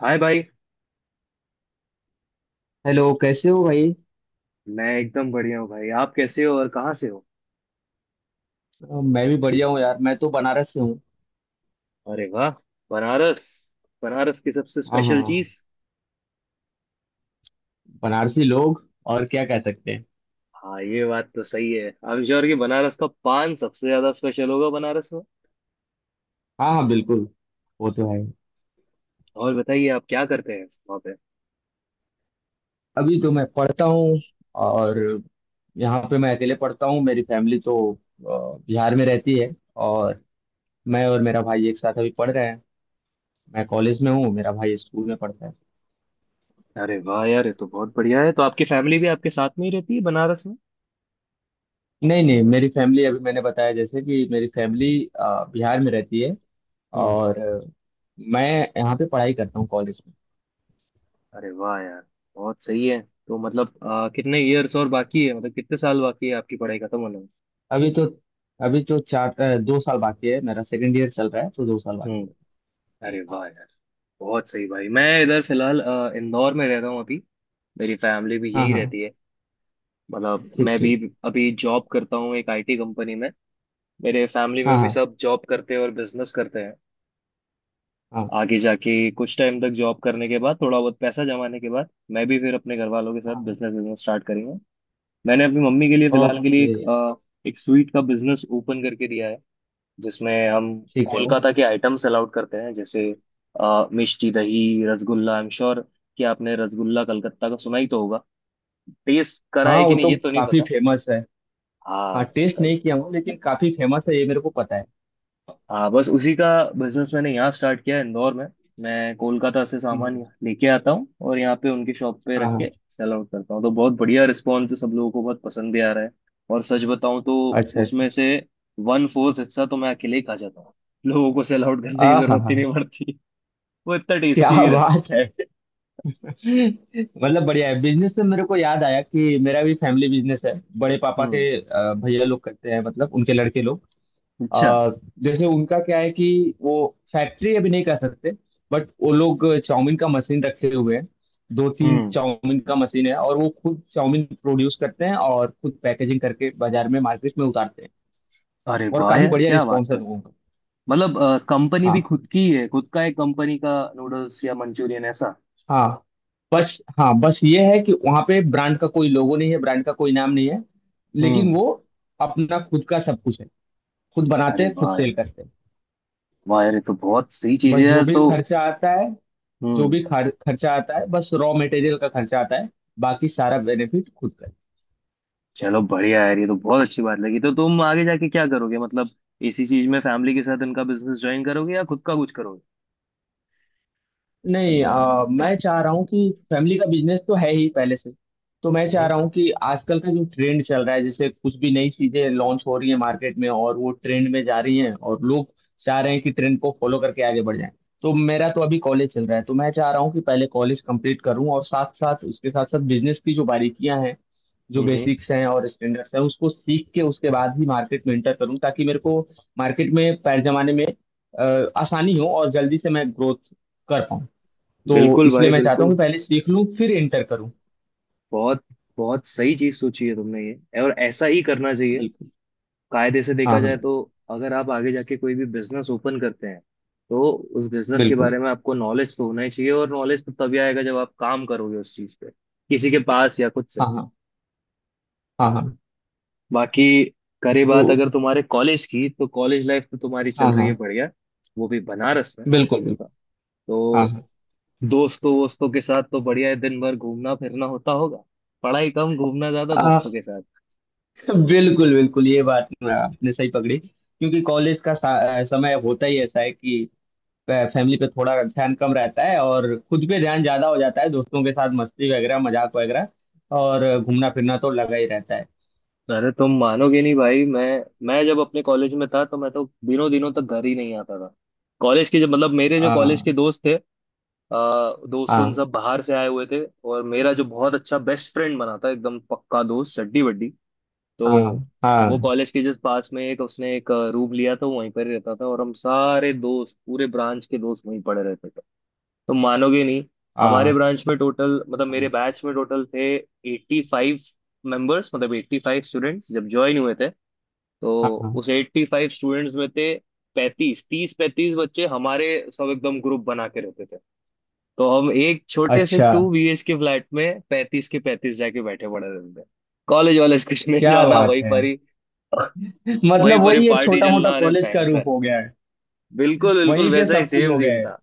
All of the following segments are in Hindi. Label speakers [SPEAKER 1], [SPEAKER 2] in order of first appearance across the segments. [SPEAKER 1] हाय भाई।
[SPEAKER 2] हेलो कैसे हो भाई।
[SPEAKER 1] मैं एकदम बढ़िया हूँ भाई, आप कैसे हो और कहाँ से हो?
[SPEAKER 2] मैं भी बढ़िया हूँ यार मैं तो बनारस से हूँ।
[SPEAKER 1] अरे वाह, बनारस। बनारस की सबसे
[SPEAKER 2] हाँ हाँ।
[SPEAKER 1] स्पेशल चीज?
[SPEAKER 2] बनारसी लोग और क्या कह सकते हैं।
[SPEAKER 1] हाँ, ये बात तो सही है, आई एम श्योर कि बनारस का पान सबसे ज्यादा स्पेशल होगा बनारस में।
[SPEAKER 2] हाँ हाँ बिल्कुल। वो तो है।
[SPEAKER 1] और बताइए आप क्या करते हैं वहाँ पे?
[SPEAKER 2] अभी तो मैं पढ़ता हूँ। और यहाँ पे मैं अकेले पढ़ता हूँ मेरी फैमिली तो बिहार में रहती है। और मैं और मेरा भाई एक साथ अभी पढ़ रहे हैं। मैं कॉलेज में हूँ मेरा भाई स्कूल में पढ़ता है।
[SPEAKER 1] अरे वाह यार, ये तो बहुत बढ़िया है। तो आपकी फैमिली भी आपके साथ में ही रहती है बनारस में?
[SPEAKER 2] नहीं नहीं मेरी फैमिली अभी मैंने बताया जैसे कि मेरी फैमिली बिहार में रहती है।
[SPEAKER 1] हम्म।
[SPEAKER 2] और मैं यहाँ पे पढ़ाई करता हूँ कॉलेज में।
[SPEAKER 1] अरे वाह यार, बहुत सही है। तो मतलब कितने ईयर्स और बाकी है, मतलब कितने साल बाकी है आपकी पढ़ाई खत्म होने में?
[SPEAKER 2] अभी तो अभी तो 2 साल बाकी है मेरा सेकंड ईयर चल रहा है तो 2 साल बाकी है।
[SPEAKER 1] हम्म। अरे वाह यार, बहुत सही भाई। मैं इधर फिलहाल इंदौर में रह रहा हूँ अभी। मेरी फैमिली भी
[SPEAKER 2] हाँ
[SPEAKER 1] यहीं
[SPEAKER 2] हाँ।
[SPEAKER 1] रहती है। मतलब
[SPEAKER 2] ठीक
[SPEAKER 1] मैं भी
[SPEAKER 2] ठीक।
[SPEAKER 1] अभी जॉब करता हूँ एक IT कंपनी में। मेरे फैमिली
[SPEAKER 2] हाँ
[SPEAKER 1] में भी
[SPEAKER 2] हाँ।
[SPEAKER 1] सब जॉब करते हैं और बिजनेस करते हैं।
[SPEAKER 2] हाँ
[SPEAKER 1] आगे जाके कुछ टाइम तक जॉब करने के बाद, थोड़ा बहुत पैसा जमाने के बाद, मैं भी फिर अपने घर वालों के साथ
[SPEAKER 2] हाँ।
[SPEAKER 1] बिजनेस बिजनेस स्टार्ट करूंगा। मैंने अपनी मम्मी के लिए फिलहाल के लिए
[SPEAKER 2] ओके।
[SPEAKER 1] एक स्वीट का बिजनेस ओपन करके दिया है, जिसमें हम
[SPEAKER 2] ठीक है।
[SPEAKER 1] कोलकाता के आइटम्स अलाउड करते हैं, जैसे मिष्टी dahi, rasgulla. I am sure कि आपने रसगुल्ला कलकत्ता का सुना ही तो होगा। टेस्ट करा
[SPEAKER 2] हाँ
[SPEAKER 1] है
[SPEAKER 2] वो
[SPEAKER 1] कि नहीं
[SPEAKER 2] तो
[SPEAKER 1] ये तो नहीं।
[SPEAKER 2] काफी फेमस है।
[SPEAKER 1] हाँ,
[SPEAKER 2] हाँ टेस्ट
[SPEAKER 1] कल।
[SPEAKER 2] नहीं किया हूँ लेकिन काफी फेमस है ये मेरे को पता है।
[SPEAKER 1] हाँ, बस उसी का बिजनेस मैंने यहाँ स्टार्ट किया है, इंदौर में। मैं कोलकाता से सामान
[SPEAKER 2] हम्म।
[SPEAKER 1] लेके आता हूँ और यहाँ पे उनकी शॉप पे रख
[SPEAKER 2] हाँ हाँ।
[SPEAKER 1] के सेल आउट करता हूँ। तो बहुत बढ़िया रिस्पॉन्स है, सब लोगों को बहुत पसंद भी आ रहा है। और सच बताऊँ तो
[SPEAKER 2] अच्छा अच्छा।
[SPEAKER 1] उसमें से 1/4 हिस्सा तो मैं अकेले ही खा जाता हूँ। लोगों को सेल आउट करने
[SPEAKER 2] आ
[SPEAKER 1] की
[SPEAKER 2] हाँ
[SPEAKER 1] जरूरत ही
[SPEAKER 2] हाँ।
[SPEAKER 1] नहीं पड़ती। वो इतना
[SPEAKER 2] क्या
[SPEAKER 1] टेस्टी ही रहता है।
[SPEAKER 2] बात है। मतलब बढ़िया है बिजनेस से मेरे को याद आया कि मेरा भी फैमिली बिजनेस है। बड़े पापा के
[SPEAKER 1] हम्म।
[SPEAKER 2] भैया लोग करते हैं मतलब उनके लड़के लोग।
[SPEAKER 1] अच्छा।
[SPEAKER 2] आ, जैसे उनका क्या है कि वो फैक्ट्री अभी नहीं कर सकते। बट वो लोग चाउमीन का मशीन रखे हुए हैं। 2-3
[SPEAKER 1] हम्म।
[SPEAKER 2] चाउमीन का मशीन है और वो खुद चाउमीन प्रोड्यूस करते हैं और खुद पैकेजिंग करके बाजार में मार्केट में उतारते हैं।
[SPEAKER 1] अरे
[SPEAKER 2] और
[SPEAKER 1] वाह
[SPEAKER 2] काफी
[SPEAKER 1] यार,
[SPEAKER 2] बढ़िया
[SPEAKER 1] क्या बात
[SPEAKER 2] रिस्पॉन्स है
[SPEAKER 1] कर रहे
[SPEAKER 2] लोगों का।
[SPEAKER 1] हो! मतलब कंपनी
[SPEAKER 2] हाँ
[SPEAKER 1] भी खुद की है, खुद का एक कंपनी का नूडल्स या मंचूरियन ऐसा?
[SPEAKER 2] हाँ। बस हाँ बस ये है कि वहाँ पे ब्रांड का कोई लोगो नहीं है ब्रांड का कोई नाम नहीं है। लेकिन
[SPEAKER 1] हम्म।
[SPEAKER 2] वो अपना खुद का सब कुछ है। खुद बनाते
[SPEAKER 1] अरे
[SPEAKER 2] हैं खुद
[SPEAKER 1] वाह
[SPEAKER 2] सेल
[SPEAKER 1] यार,
[SPEAKER 2] करते हैं।
[SPEAKER 1] वाह यार, ये तो बहुत सही चीज
[SPEAKER 2] बस
[SPEAKER 1] है
[SPEAKER 2] जो
[SPEAKER 1] यार।
[SPEAKER 2] भी
[SPEAKER 1] तो
[SPEAKER 2] खर्चा आता है जो
[SPEAKER 1] हम्म,
[SPEAKER 2] भी खर्चा आता है बस रॉ मटेरियल का खर्चा आता है। बाकी सारा बेनिफिट खुद का।
[SPEAKER 1] चलो बढ़िया यार, ये तो बहुत अच्छी बात लगी। तो तुम आगे जाके क्या करोगे? मतलब इसी चीज में फैमिली के साथ इनका बिजनेस ज्वाइन करोगे या खुद का कुछ करोगे?
[SPEAKER 2] नहीं मैं चाह रहा हूँ कि फैमिली का बिजनेस तो है ही पहले से। तो मैं चाह
[SPEAKER 1] हम्म
[SPEAKER 2] रहा हूँ कि आजकल का जो ट्रेंड चल रहा है जैसे कुछ भी नई चीजें लॉन्च हो रही है मार्केट में और वो ट्रेंड में जा रही हैं और लोग चाह रहे हैं कि ट्रेंड को फॉलो करके आगे बढ़ जाएं। तो मेरा तो अभी कॉलेज चल रहा है तो मैं चाह रहा हूँ कि पहले कॉलेज कंप्लीट करूँ और साथ साथ उसके साथ साथ बिजनेस की जो बारीकियां हैं जो
[SPEAKER 1] हम्म।
[SPEAKER 2] बेसिक्स हैं और स्टैंडर्ड्स हैं उसको सीख के उसके बाद ही मार्केट में एंटर करूँ ताकि मेरे को मार्केट में पैर जमाने में आसानी हो और जल्दी से मैं ग्रोथ कर पाऊँ। तो
[SPEAKER 1] बिल्कुल
[SPEAKER 2] इसलिए
[SPEAKER 1] भाई
[SPEAKER 2] मैं चाहता हूँ
[SPEAKER 1] बिल्कुल।
[SPEAKER 2] कि पहले सीख लूँ फिर इंटर करूँ।
[SPEAKER 1] बहुत बहुत सही चीज सोची है तुमने ये, और ऐसा ही करना चाहिए।
[SPEAKER 2] बिल्कुल।
[SPEAKER 1] कायदे से देखा
[SPEAKER 2] हाँ
[SPEAKER 1] जाए
[SPEAKER 2] हाँ।
[SPEAKER 1] तो, अगर आप आगे जाके कोई भी बिजनेस ओपन करते हैं, तो उस बिजनेस के
[SPEAKER 2] बिल्कुल।
[SPEAKER 1] बारे में आपको नॉलेज तो होना ही चाहिए। और नॉलेज तो तभी आएगा जब आप काम करोगे उस चीज पे, किसी के पास या खुद से।
[SPEAKER 2] हाँ हाँ। हाँ हाँ।
[SPEAKER 1] बाकी करे
[SPEAKER 2] तो
[SPEAKER 1] बात अगर तुम्हारे कॉलेज की, तो कॉलेज लाइफ तो तुम्हारी चल
[SPEAKER 2] हाँ
[SPEAKER 1] रही है
[SPEAKER 2] हाँ।
[SPEAKER 1] बढ़िया, वो भी बनारस में।
[SPEAKER 2] बिल्कुल बिल्कुल। हाँ
[SPEAKER 1] तो
[SPEAKER 2] हाँ।
[SPEAKER 1] दोस्तों वोस्तों के साथ तो बढ़िया है, दिन भर घूमना फिरना होता होगा। पढ़ाई कम, घूमना ज्यादा
[SPEAKER 2] आ,
[SPEAKER 1] दोस्तों के साथ।
[SPEAKER 2] बिल्कुल बिल्कुल ये बात आपने सही पकड़ी क्योंकि कॉलेज का समय होता ही ऐसा है कि फैमिली पे थोड़ा ध्यान कम रहता है और खुद पे ध्यान ज्यादा हो जाता है दोस्तों के साथ मस्ती वगैरह मजाक वगैरह और घूमना फिरना तो लगा ही रहता है।
[SPEAKER 1] तो अरे तुम मानोगे नहीं भाई, मैं जब अपने कॉलेज में था तो मैं तो दिनों दिनों तक घर ही नहीं आता था। कॉलेज के जब, मतलब मेरे जो कॉलेज के
[SPEAKER 2] हाँ
[SPEAKER 1] दोस्त थे, आ, दोस्त उन
[SPEAKER 2] हाँ।
[SPEAKER 1] सब बाहर से आए हुए थे। और मेरा जो बहुत अच्छा बेस्ट फ्रेंड बना था, एकदम पक्का दोस्त, चड्डी बड्डी। तो
[SPEAKER 2] हाँ
[SPEAKER 1] वो
[SPEAKER 2] हाँ।
[SPEAKER 1] कॉलेज के जस्ट पास में एक उसने एक रूम लिया था, वो वहीं पर ही रहता था, और हम सारे दोस्त, पूरे ब्रांच के दोस्त वहीं पड़े रहते थे। तो मानोगे नहीं, हमारे
[SPEAKER 2] हाँ
[SPEAKER 1] ब्रांच में टोटल, मतलब मेरे बैच में टोटल थे 85 मेंबर्स, मतलब 85 स्टूडेंट्स जब ज्वाइन हुए थे। तो
[SPEAKER 2] हाँ। हाँ
[SPEAKER 1] उस 85 स्टूडेंट्स में थे 35, 30 35 बच्चे हमारे, सब एकदम ग्रुप बना के रहते थे। तो हम एक छोटे से
[SPEAKER 2] अच्छा।
[SPEAKER 1] 2 BH के फ्लैट में 35 के 35 जाके बैठे पड़े रहते थे। कॉलेज वॉलेज कुछ नहीं।
[SPEAKER 2] क्या
[SPEAKER 1] जाना
[SPEAKER 2] बात
[SPEAKER 1] वहीं
[SPEAKER 2] है।
[SPEAKER 1] पर ही, वहीं
[SPEAKER 2] मतलब
[SPEAKER 1] पर ही
[SPEAKER 2] वही एक
[SPEAKER 1] पार्टी
[SPEAKER 2] छोटा मोटा
[SPEAKER 1] चलना, अरे
[SPEAKER 2] कॉलेज का रूप
[SPEAKER 1] भयंकर!
[SPEAKER 2] हो गया है।
[SPEAKER 1] बिल्कुल बिल्कुल
[SPEAKER 2] वहीं पे
[SPEAKER 1] वैसा ही
[SPEAKER 2] सब कुछ
[SPEAKER 1] सेम
[SPEAKER 2] हो गया
[SPEAKER 1] सीन
[SPEAKER 2] है।
[SPEAKER 1] था।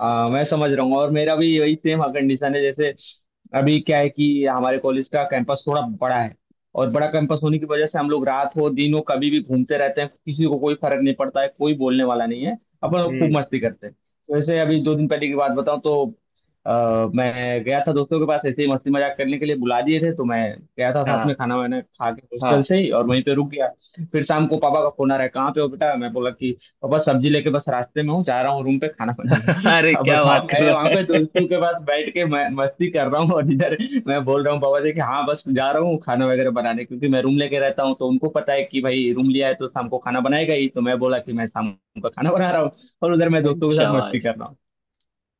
[SPEAKER 2] मैं समझ रहा हूँ और मेरा भी यही सेम कंडीशन है जैसे अभी क्या है कि हमारे कॉलेज का कैंपस थोड़ा बड़ा है। और बड़ा कैंपस होने की वजह से हम लोग रात हो दिन हो कभी भी घूमते रहते हैं किसी को कोई फर्क नहीं पड़ता है कोई बोलने वाला नहीं है। अपन लोग खूब
[SPEAKER 1] हम्म।
[SPEAKER 2] मस्ती करते हैं। तो ऐसे अभी 2 दिन पहले की बात बताऊं तो मैं गया था दोस्तों के पास ऐसे ही मस्ती मजाक करने के लिए बुला दिए थे तो मैं गया था साथ में
[SPEAKER 1] हाँ
[SPEAKER 2] खाना वाना खा के हॉस्टल
[SPEAKER 1] हाँ।
[SPEAKER 2] से ही और वहीं पे रुक गया। फिर शाम को पापा का फोन आ रहा है कहाँ पे हो बेटा मैं बोला कि और बस सब्जी लेके बस रास्ते में हूँ जा रहा हूँ रूम पे खाना बनाने।
[SPEAKER 1] अरे
[SPEAKER 2] अब
[SPEAKER 1] क्या
[SPEAKER 2] बताओ
[SPEAKER 1] बात कर
[SPEAKER 2] मैं
[SPEAKER 1] रहा
[SPEAKER 2] वहां पे
[SPEAKER 1] है!
[SPEAKER 2] दोस्तों के पास बैठ के मैं मस्ती कर रहा हूँ और इधर मैं बोल रहा हूँ बाबा जी कि हाँ बस जा रहा हूँ खाना वगैरह बनाने क्योंकि मैं रूम लेके रहता हूँ तो उनको पता है कि भाई रूम लिया है तो शाम को खाना बनाएगा ही तो मैं बोला कि मैं शाम को खाना बना रहा हूँ। और उधर मैं
[SPEAKER 1] अरे
[SPEAKER 2] दोस्तों के साथ मस्ती
[SPEAKER 1] शाबाश!
[SPEAKER 2] कर रहा हूँ।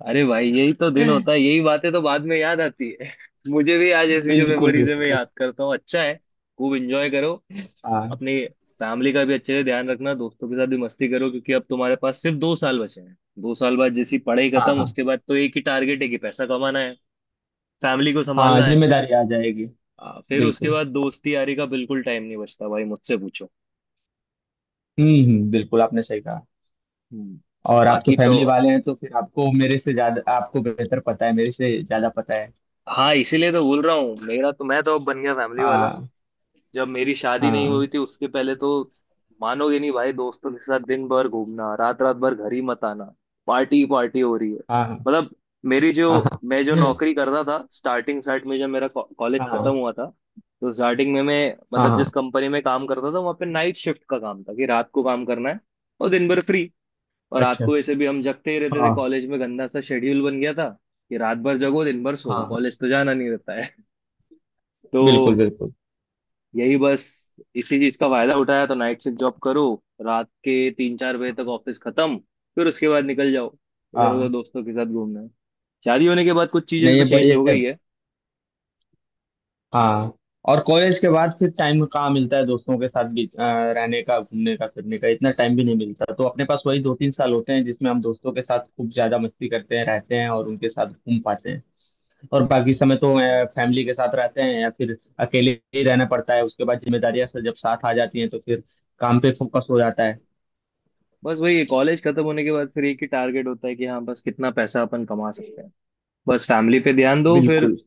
[SPEAKER 1] अरे भाई, यही तो दिन होता है, यही बातें तो बाद में याद आती है। मुझे भी आज ऐसी जो
[SPEAKER 2] बिल्कुल
[SPEAKER 1] मेमोरीज है मैं
[SPEAKER 2] बिल्कुल।
[SPEAKER 1] याद करता हूँ, अच्छा है। खूब एंजॉय करो
[SPEAKER 2] हाँ
[SPEAKER 1] अपनी। फैमिली का भी अच्छे से ध्यान रखना, दोस्तों के साथ भी मस्ती करो, क्योंकि अब तुम्हारे पास सिर्फ 2 साल बचे हैं। दो साल बाद जैसी पढ़ाई
[SPEAKER 2] हाँ।
[SPEAKER 1] खत्म,
[SPEAKER 2] हाँ
[SPEAKER 1] उसके बाद तो एक ही टारगेट है कि पैसा कमाना है, फैमिली को
[SPEAKER 2] हाँ।
[SPEAKER 1] संभालना है।
[SPEAKER 2] जिम्मेदारी आ जाएगी।
[SPEAKER 1] हाँ, फिर उसके
[SPEAKER 2] बिल्कुल।
[SPEAKER 1] बाद दोस्ती यारी का बिल्कुल टाइम नहीं बचता भाई, मुझसे पूछो।
[SPEAKER 2] बिल्कुल आपने सही कहा।
[SPEAKER 1] हम्म,
[SPEAKER 2] और आप तो
[SPEAKER 1] बाकी तो।
[SPEAKER 2] फैमिली वाले हैं तो फिर आपको मेरे से ज्यादा आपको बेहतर पता है मेरे से ज्यादा पता है।
[SPEAKER 1] हाँ, इसीलिए तो बोल रहा हूँ, मेरा तो, मैं तो अब बन गया फैमिली वाला।
[SPEAKER 2] हाँ
[SPEAKER 1] जब मेरी शादी नहीं
[SPEAKER 2] हाँ।
[SPEAKER 1] हुई थी उसके पहले तो, मानोगे नहीं भाई, दोस्तों के साथ दिन भर घूमना, रात रात भर घर ही मत आना, पार्टी पार्टी हो रही है।
[SPEAKER 2] हाँ हाँ।
[SPEAKER 1] मतलब मेरी जो,
[SPEAKER 2] हाँ
[SPEAKER 1] मैं जो नौकरी करता था स्टार्टिंग स्टार्ट में जब मेरा कॉलेज खत्म
[SPEAKER 2] हाँ।
[SPEAKER 1] हुआ था, तो स्टार्टिंग में मैं,
[SPEAKER 2] हाँ
[SPEAKER 1] मतलब
[SPEAKER 2] हाँ।
[SPEAKER 1] जिस कंपनी में काम करता था, वहाँ पे नाइट शिफ्ट का काम था कि रात को काम करना है। और दिन भर फ्री। और रात
[SPEAKER 2] अच्छा।
[SPEAKER 1] को ऐसे भी हम जगते ही रहते थे
[SPEAKER 2] हाँ
[SPEAKER 1] कॉलेज में, गंदा सा शेड्यूल बन गया था कि रात भर जगो, दिन भर सो,
[SPEAKER 2] हाँ हाँ।
[SPEAKER 1] कॉलेज तो जाना नहीं रहता है।
[SPEAKER 2] बिल्कुल
[SPEAKER 1] तो
[SPEAKER 2] बिल्कुल।
[SPEAKER 1] यही बस, इसी चीज का फायदा उठाया तो नाइट शिफ्ट जॉब करो, रात के 3 4 बजे
[SPEAKER 2] हाँ
[SPEAKER 1] तक ऑफिस खत्म, फिर उसके बाद निकल जाओ इधर उधर,
[SPEAKER 2] हाँ।
[SPEAKER 1] दोस्तों के साथ घूमना है। शादी होने के बाद कुछ चीजें
[SPEAKER 2] नहीं
[SPEAKER 1] तो
[SPEAKER 2] ये
[SPEAKER 1] चेंज
[SPEAKER 2] बढ़िया
[SPEAKER 1] हो
[SPEAKER 2] है।
[SPEAKER 1] गई है।
[SPEAKER 2] हाँ और कॉलेज के बाद फिर टाइम कहाँ मिलता है दोस्तों के साथ भी रहने का घूमने का फिरने का इतना टाइम भी नहीं मिलता तो अपने पास वही 2-3 साल होते हैं जिसमें हम दोस्तों के साथ खूब ज्यादा मस्ती करते हैं रहते हैं और उनके साथ घूम पाते हैं। और बाकी समय तो फैमिली के साथ रहते हैं या फिर अकेले ही रहना पड़ता है उसके बाद जिम्मेदारियां सब जब साथ आ जाती हैं तो फिर काम पे फोकस हो जाता है।
[SPEAKER 1] बस वही, कॉलेज खत्म होने के बाद फिर एक ही टारगेट होता है कि हाँ बस कितना पैसा अपन कमा सकते हैं, बस फैमिली पे ध्यान दो। फिर
[SPEAKER 2] बिल्कुल।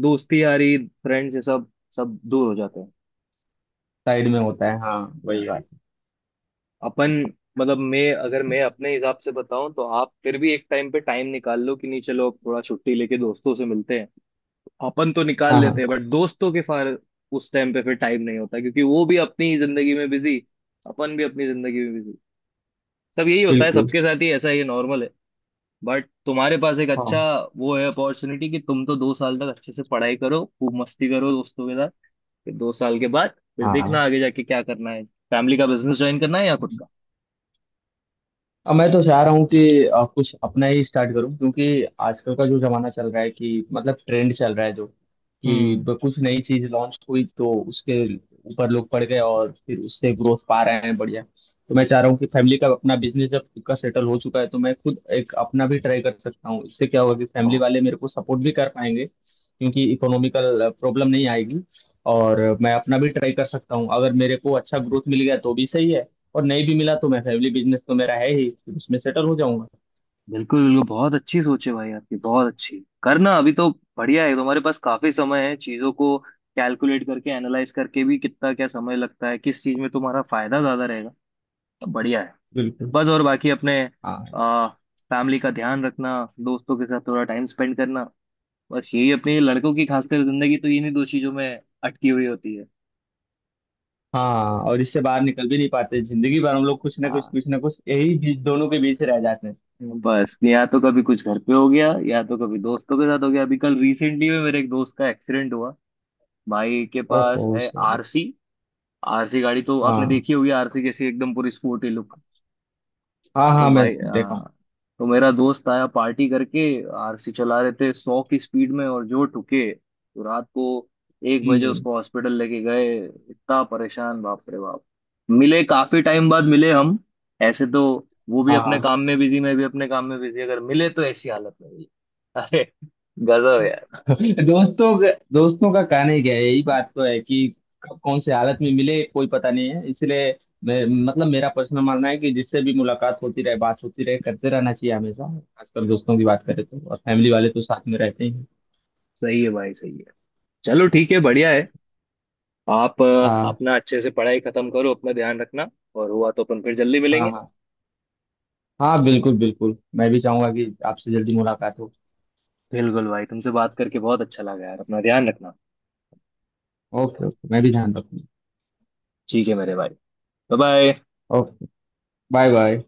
[SPEAKER 1] दोस्ती यारी, फ्रेंड्स, ये सब सब दूर हो जाते हैं।
[SPEAKER 2] साइड में होता है हाँ। वही
[SPEAKER 1] हाँ।
[SPEAKER 2] बात।
[SPEAKER 1] अपन, मतलब मैं, अगर मैं अपने हिसाब से बताऊं तो आप फिर भी एक टाइम पे टाइम निकाल लो कि नहीं चलो अब थोड़ा छुट्टी लेके दोस्तों से मिलते हैं। अपन तो निकाल
[SPEAKER 2] हाँ
[SPEAKER 1] लेते
[SPEAKER 2] हाँ।
[SPEAKER 1] हैं बट दोस्तों के फार, उस टाइम पे फिर टाइम नहीं होता, क्योंकि वो भी अपनी जिंदगी में बिजी, अपन भी अपनी जिंदगी में बिजी। सब यही होता है,
[SPEAKER 2] बिल्कुल।
[SPEAKER 1] सबके साथ ही ऐसा ही नॉर्मल है। बट तुम्हारे पास एक अच्छा
[SPEAKER 2] हाँ
[SPEAKER 1] वो है अपॉर्चुनिटी कि तुम तो 2 साल तक अच्छे से पढ़ाई करो, खूब मस्ती करो दोस्तों के साथ। फिर 2 साल के बाद फिर देखना
[SPEAKER 2] हाँ।
[SPEAKER 1] आगे जाके क्या करना है, फैमिली का बिजनेस ज्वाइन करना है या खुद का।
[SPEAKER 2] अब मैं तो चाह रहा हूँ कि कुछ अपना ही स्टार्ट करूँ क्योंकि आजकल का जो जमाना चल रहा है कि मतलब ट्रेंड चल रहा है जो कि
[SPEAKER 1] हम्म।
[SPEAKER 2] कुछ नई चीज लॉन्च हुई तो उसके ऊपर लोग पड़ गए और फिर उससे ग्रोथ पा रहे हैं बढ़िया। तो मैं चाह रहा हूँ कि फैमिली का अपना बिजनेस जब खुद का सेटल हो चुका है तो मैं खुद एक अपना भी ट्राई कर सकता हूँ इससे क्या होगा कि फैमिली वाले मेरे को सपोर्ट भी कर पाएंगे क्योंकि इकोनॉमिकल प्रॉब्लम नहीं आएगी। और मैं अपना भी ट्राई कर सकता हूँ अगर मेरे को अच्छा ग्रोथ मिल गया तो भी सही है। और नहीं भी मिला तो मैं फैमिली बिजनेस तो मेरा है ही फिर उसमें सेटल हो जाऊंगा।
[SPEAKER 1] बिल्कुल बिल्कुल, बहुत अच्छी सोच है भाई आपकी, बहुत अच्छी करना। अभी तो बढ़िया है, तुम्हारे पास काफी समय है चीजों को कैलकुलेट करके, एनालाइज करके भी, कितना क्या समय लगता है, किस चीज में तुम्हारा फायदा ज्यादा रहेगा। तो बढ़िया है।
[SPEAKER 2] बिल्कुल।
[SPEAKER 1] बस, और बाकी अपने
[SPEAKER 2] हाँ
[SPEAKER 1] आ, फैमिली का ध्यान रखना, दोस्तों के साथ थोड़ा टाइम स्पेंड करना। बस यही अपनी लड़कों की खासकर जिंदगी तो इन्हीं दो चीजों में अटकी हुई होती है।
[SPEAKER 2] हाँ। और इससे बाहर निकल भी नहीं पाते जिंदगी भर हम लोग
[SPEAKER 1] हाँ,
[SPEAKER 2] कुछ ना कुछ यही बीच दोनों के बीच ही रह जाते हैं।
[SPEAKER 1] बस या तो कभी कुछ घर पे हो गया या तो कभी दोस्तों के साथ हो गया। अभी कल रिसेंटली में मेरे एक दोस्त का एक्सीडेंट हुआ। भाई के
[SPEAKER 2] ओहो
[SPEAKER 1] पास है
[SPEAKER 2] सॉरी।
[SPEAKER 1] RC। आरसी गाड़ी तो आपने
[SPEAKER 2] हाँ
[SPEAKER 1] देखी होगी, आरसी कैसी एकदम पूरी स्पोर्टी लुक।
[SPEAKER 2] हाँ।
[SPEAKER 1] तो
[SPEAKER 2] हाँ मैं
[SPEAKER 1] भाई
[SPEAKER 2] देखा हूँ।
[SPEAKER 1] तो मेरा दोस्त आया पार्टी करके, RC चला रहे थे 100 की स्पीड में, और जो ठुके तो रात को 1 बजे
[SPEAKER 2] हम्म।
[SPEAKER 1] उसको हॉस्पिटल लेके गए। इतना परेशान, बाप रे बाप। मिले काफी टाइम बाद मिले हम। ऐसे तो वो भी अपने
[SPEAKER 2] हाँ।
[SPEAKER 1] काम में बिजी, मैं भी अपने काम में बिजी, अगर मिले तो ऐसी हालत में मिले। अरे, गजब यार।
[SPEAKER 2] दोस्तों का कहना ही क्या है यही बात तो है कि कब कौन से हालत में मिले कोई पता नहीं है इसलिए मैं मतलब मेरा पर्सनल मानना है कि जिससे भी मुलाकात होती रहे बात होती रहे करते रहना चाहिए हमेशा खासकर दोस्तों की बात करें तो और फैमिली वाले तो साथ में रहते ही हैं।
[SPEAKER 1] सही है भाई, सही है। चलो ठीक है, बढ़िया है। आप
[SPEAKER 2] हाँ
[SPEAKER 1] अपना अच्छे से पढ़ाई खत्म करो, अपना ध्यान रखना। और हुआ तो अपन फिर जल्दी
[SPEAKER 2] हाँ।
[SPEAKER 1] मिलेंगे।
[SPEAKER 2] हाँ हाँ बिल्कुल बिल्कुल मैं भी चाहूंगा कि आपसे जल्दी मुलाकात हो।
[SPEAKER 1] बिल्कुल भाई, तुमसे बात करके बहुत अच्छा लगा यार, अपना ध्यान रखना।
[SPEAKER 2] ओके ओके मैं भी ध्यान रखूंगा।
[SPEAKER 1] ठीक है मेरे भाई, bye bye.
[SPEAKER 2] Okay bye bye.